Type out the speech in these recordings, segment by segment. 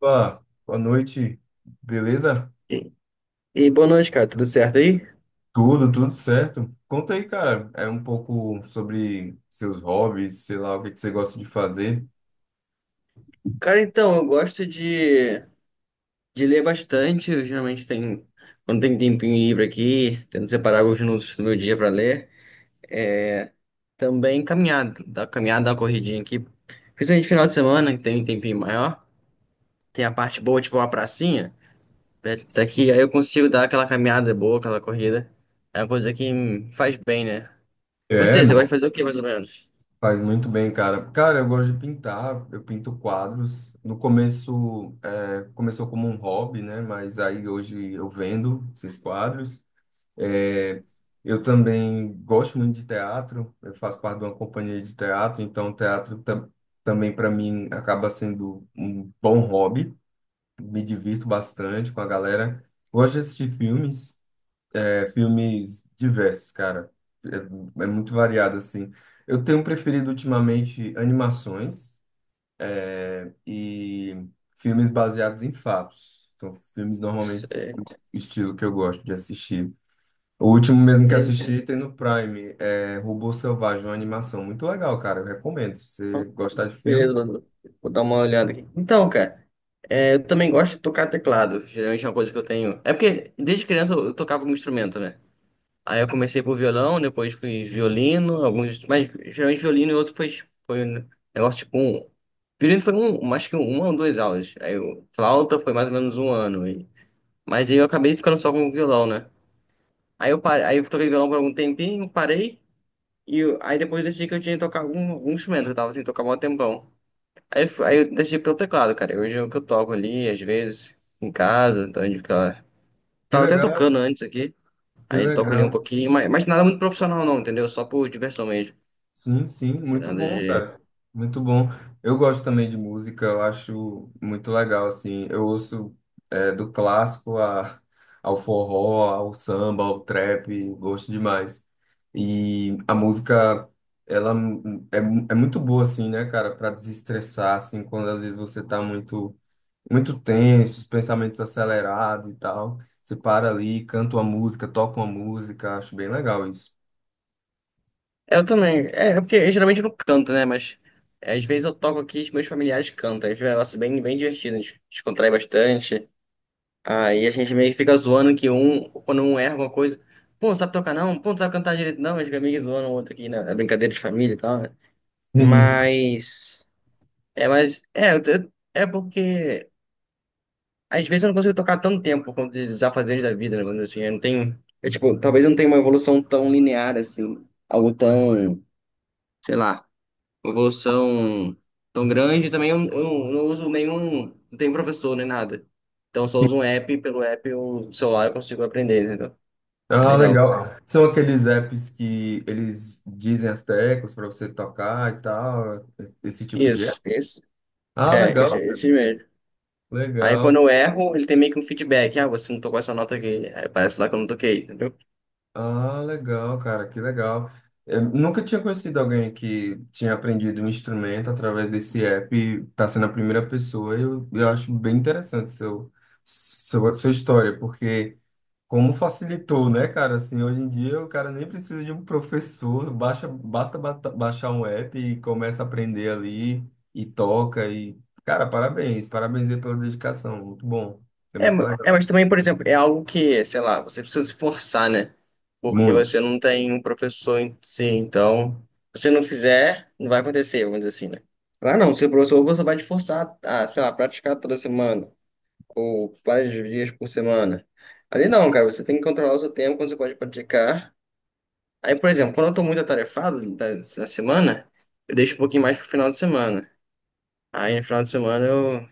Opa, boa noite, beleza? E, e boa noite, cara. Tudo certo aí? Tudo certo. Conta aí, cara, é um pouco sobre seus hobbies, sei lá, o que que você gosta de fazer. Cara, então, eu gosto de ler bastante. Quando tem tempinho livre aqui, tento separar alguns minutos do meu dia para ler. É, também caminhada, da corridinha aqui. Principalmente final de semana, que tem um tempinho maior. Tem a parte boa, tipo uma pracinha, perto daqui. Aí eu consigo dar aquela caminhada boa, aquela corrida. É uma coisa que me faz bem, né? É, Você gosta de fazer o quê, mais ou menos? faz muito bem, cara. Cara, eu gosto de pintar, eu pinto quadros. No começo, começou como um hobby, né? Mas aí hoje eu vendo esses quadros. É, eu também gosto muito de teatro, eu faço parte de uma companhia de teatro, então teatro também para mim acaba sendo um bom hobby. Me divirto bastante com a galera. Gosto de assistir filmes, filmes diversos, cara. É muito variado, assim. Eu tenho preferido ultimamente animações e filmes baseados em fatos. São filmes normalmente É, o estilo que eu gosto de assistir. O último mesmo que é. assisti tem no Prime, é Robô Selvagem, uma animação muito legal, cara. Eu recomendo. Se você gostar de filme, Beleza, Bruno. Vou dar uma olhada aqui. Então, cara, é, eu também gosto de tocar teclado. Geralmente é uma coisa que eu tenho. É porque desde criança eu tocava algum instrumento, né? Aí eu comecei por violão, depois fui violino, alguns. Mas geralmente violino e outro foi um negócio tipo um. Violino foi um, acho que uma ou duas aulas. Aí o flauta foi mais ou menos um ano. E... Mas aí eu acabei ficando só com o violão, né? Aí eu, parei, aí eu toquei violão por algum tempinho, parei. E aí depois eu decidi que eu tinha que tocar algum instrumento. Eu tava sem tocar há um tempão. Aí, aí eu deixei pelo teclado, cara. Hoje é o que eu toco ali, às vezes, em casa, então a gente fica... que Tava até legal, tocando antes aqui, que aí toco ali um legal. pouquinho, mas, nada muito profissional não, entendeu? Só por diversão mesmo. Sim, sim, Tem muito nada bom, de... cara. Muito bom. Eu gosto também de música, eu acho muito legal, assim. Eu ouço do clássico ao forró, ao samba, ao trap, gosto demais. E a música, ela é muito boa, assim, né, cara, para desestressar, assim, quando às vezes você tá muito, muito tenso, os pensamentos acelerados e tal. Você para ali, canta uma música, toca uma música, acho bem legal isso. Eu também, é, porque eu geralmente não canto, né? Mas é, às vezes eu toco aqui e os meus familiares cantam, aí fica um negócio bem, bem divertido, a gente descontrai bastante. Aí a gente meio que fica zoando que um, quando um erra alguma coisa, pô, não sabe tocar não, pô, não sabe cantar direito não, a gente fica meio que zoando o outro aqui, né? É brincadeira de família e tal, né? Isso. Mas... mas é, é porque às vezes eu não consigo tocar tanto tempo quanto os afazeres da vida, né? Mas, assim, eu não tenho, eu, tipo, talvez eu não tenha uma evolução tão linear assim, algo tão, sei lá, uma evolução tão grande. Também eu não uso nenhum, não tenho professor nem nada. Então eu só uso um app, pelo app o celular eu consigo aprender, entendeu? É Ah, legal. legal. São aqueles apps que eles dizem as teclas para você tocar e tal, esse tipo de app. Isso, isso. Ah, É, esse, legal, cara. esse mesmo. Aí Legal. quando eu erro, ele tem meio que um feedback. Ah, você não tocou essa nota aqui. Aí parece lá que eu não toquei, entendeu? Ah, legal, cara, que legal. Eu nunca tinha conhecido alguém que tinha aprendido um instrumento através desse app, tá sendo a primeira pessoa. Eu acho bem interessante seu, sua história, porque como facilitou, né, cara? Assim, hoje em dia o cara nem precisa de um professor, baixa, basta baixar um app e começa a aprender ali e toca e, cara, parabéns, parabéns aí pela dedicação, muito bom, isso é É, muito é, legal. mas também, por exemplo, é algo que, sei lá, você precisa se forçar, né? Porque Muito. você não tem um professor em si, então, se você não fizer, não vai acontecer, vamos dizer assim, né? Lá não, seu professor você vai te forçar a, sei lá, praticar toda semana, ou vários dias por semana. Ali não, cara, você tem que controlar o seu tempo quando você pode praticar. Aí, por exemplo, quando eu tô muito atarefado da, semana, eu deixo um pouquinho mais pro final de semana. Aí no final de semana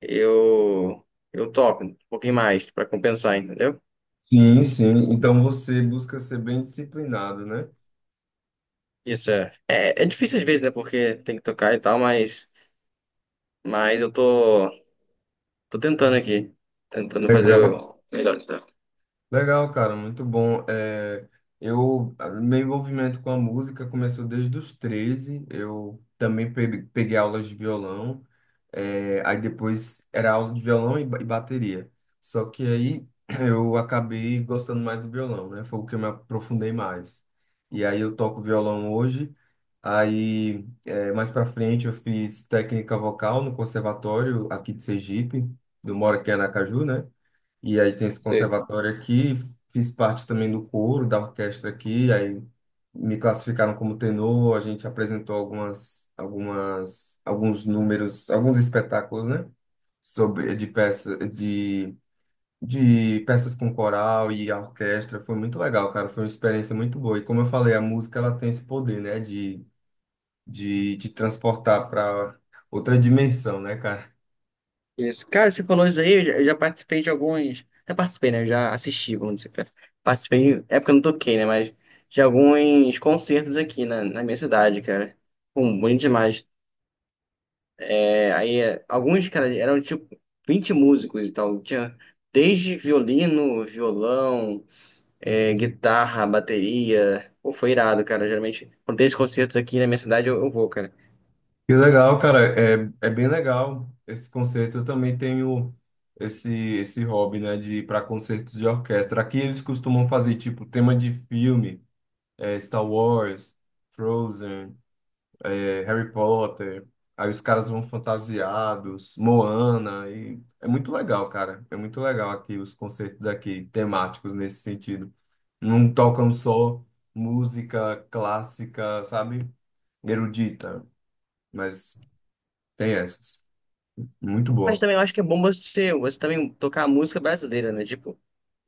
eu, eu topo um pouquinho mais pra compensar, entendeu? Sim, sim. Então você busca ser bem disciplinado, né? Isso é. É difícil às vezes, né? Porque tem que tocar e tal, mas, eu tô tentando aqui. Tentando fazer Legal. o melhor que dá. Legal, cara, muito bom. É, meu envolvimento com a música começou desde os 13. Eu também peguei aulas de violão. É, aí depois era aula de violão e bateria. Só que aí eu acabei gostando mais do violão, né? Foi o que eu me aprofundei mais. E aí eu toco violão hoje. Aí mais pra frente eu fiz técnica vocal no conservatório aqui de Sergipe, do Moro aqui em Aracaju, né? E aí tem esse Sei. conservatório aqui, fiz parte também do coro da orquestra aqui, aí me classificaram como tenor, a gente apresentou alguns números, alguns espetáculos, né? Sobre, de peça, de peças com coral e a orquestra, foi muito legal, cara, foi uma experiência muito boa. E como eu falei, a música, ela tem esse poder, né? De te transportar para outra dimensão, né, cara? Isso. Cara, você falou isso aí, eu já participei de alguns. Já participei, né? Eu já assisti, vamos dizer. Participei, é porque eu não toquei, né? Mas de alguns concertos aqui na minha cidade, cara. Pum, bonito demais. É, aí, é, alguns, cara, eram tipo 20 músicos e tal. Tinha desde violino, violão, é, guitarra, bateria. Pô, foi irado, cara. Geralmente, quando tem esses concertos aqui na minha cidade, eu vou, cara. Que legal, cara. É bem legal esses concertos. Eu também tenho esse hobby, né, de ir para concertos de orquestra. Aqui eles costumam fazer, tipo, tema de filme, Star Wars, Frozen, Harry Potter. Aí os caras vão fantasiados, Moana. E é muito legal, cara. É muito legal aqui os concertos aqui, temáticos nesse sentido. Não tocam só música clássica, sabe? Erudita, mas tem essas. Muito Mas boa. também eu acho que é bom você também tocar música brasileira, né? Tipo,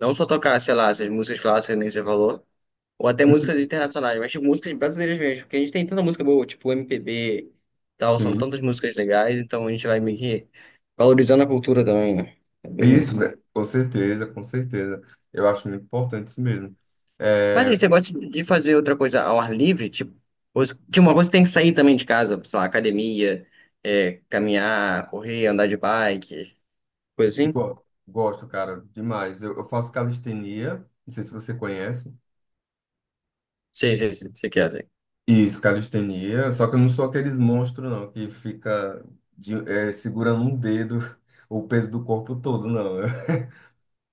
não só tocar, sei lá, essas músicas clássicas, nem você falou, ou até músicas Hum. internacionais, mas tipo, músicas brasileiras mesmo, porque a gente tem tanta música boa, tipo MPB, tal, são Sim. tantas músicas legais, então a gente vai meio que valorizando a cultura também, né? É bem, Isso, né? Com certeza, com certeza. Eu acho muito importante isso mesmo. mas aí, É, você gosta de fazer outra coisa ao ar livre? Tipo, tipo, uma coisa que tem que sair também de casa, sei lá, academia, é, caminhar, correr, andar de bike, coisa assim? Gosto, cara, demais. Eu faço calistenia, não sei se você conhece. Sei, sei, sei, sei que é, sei. Isso, calistenia. Só que eu não sou aqueles monstros, não, que fica segurando um dedo o peso do corpo todo, não.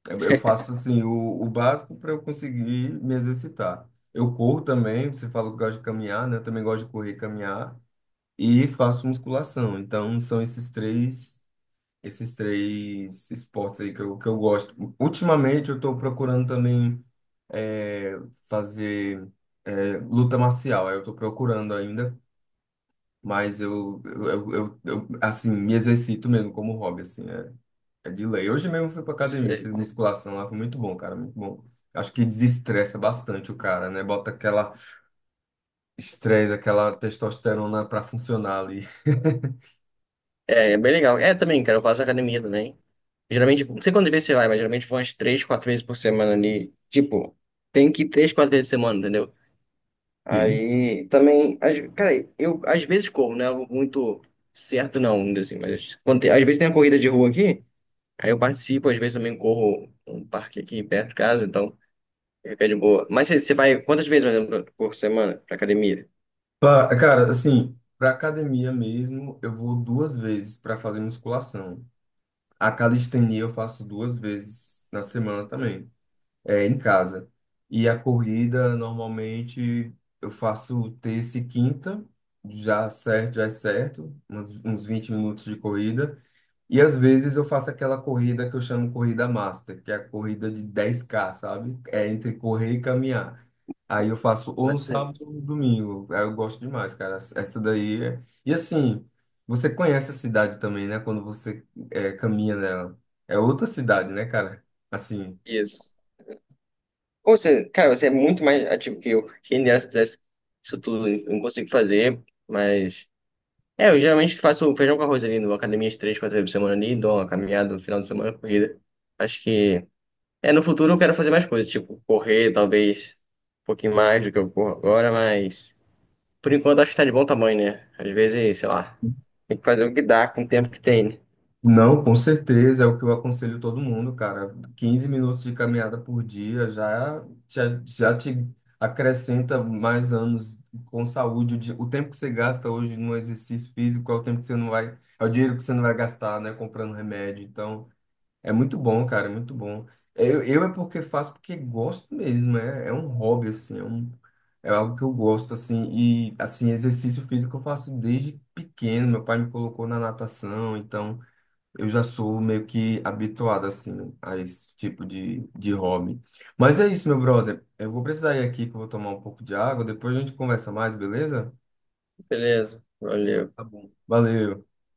Eu faço assim o básico para eu conseguir me exercitar. Eu corro também, você falou que gosta de caminhar, né? Eu também gosto de correr e caminhar. E faço musculação. Então, são esses três esportes aí que eu gosto. Ultimamente, eu estou procurando também é, fazer luta marcial. Aí eu estou procurando ainda, mas eu, assim, me exercito mesmo como hobby, assim, é, de lei. Hoje mesmo eu fui para academia, fiz musculação lá, foi muito bom, cara, muito bom. Acho que desestressa bastante o cara, né? Bota aquela estresse, aquela testosterona para funcionar ali. É, é bem legal. É, também, cara, eu faço academia também. Geralmente, não sei quando vez você vai, mas geralmente vou umas três, quatro vezes por semana ali. Tipo, tem que ir três, quatro vezes por semana, entendeu? Sim. Aí, também, cara, eu às vezes corro, não é algo muito certo não, ainda assim, mas quando às vezes tem a corrida de rua aqui, aí eu participo, às vezes também corro um parque aqui perto de casa, então fica de boa. Mas você vai quantas vezes, mais ou menos, por semana pra academia? Cara, assim, pra academia mesmo, eu vou duas vezes para fazer musculação. A calistenia eu faço duas vezes na semana também, é em casa. E a corrida, normalmente, eu faço terça e quinta, já certo, já é certo, uns 20 minutos de corrida. E às vezes eu faço aquela corrida que eu chamo corrida master, que é a corrida de 10K, sabe? É entre correr e caminhar. Aí eu faço ou no Quantas sábado vezes? ou no domingo. Aí eu gosto demais, cara. Essa daí é. E assim, você conhece a cidade também, né? Quando você caminha nela. É outra cidade, né, cara? Assim. Isso. Ou você, cara, você é muito mais ativo que eu. Quem dera se eu pudesse isso tudo, eu não consigo fazer, mas... É, eu geralmente faço feijão com arroz ali, numa academia de três, quatro vezes por semana ali, dou uma caminhada no final de semana, corrida. Acho que... É, no futuro eu quero fazer mais coisas, tipo, correr, talvez, um pouquinho mais do que eu corro agora, mas... Por enquanto acho que tá de bom tamanho, né? Às vezes, sei lá, tem que fazer o que dá com o tempo que tem, né? Não, com certeza, é o que eu aconselho todo mundo, cara. Quinze minutos de caminhada por dia já, já, já te acrescenta mais anos com saúde. O tempo que você gasta hoje no exercício físico é o tempo que você não vai, é o dinheiro que você não vai gastar, né, comprando remédio. Então, é muito bom, cara, é muito bom. É. Eu é porque faço porque gosto mesmo, hobby, assim, é um, é algo que eu gosto, assim, e, assim, exercício físico eu faço desde pequeno. Meu pai me colocou na natação, então. Eu já sou meio que habituado, assim, a esse tipo de hobby. Mas é isso, meu brother. Eu vou precisar ir aqui que eu vou tomar um pouco de água. Depois a gente conversa mais, beleza? Beleza, valeu. Tá bom. Valeu.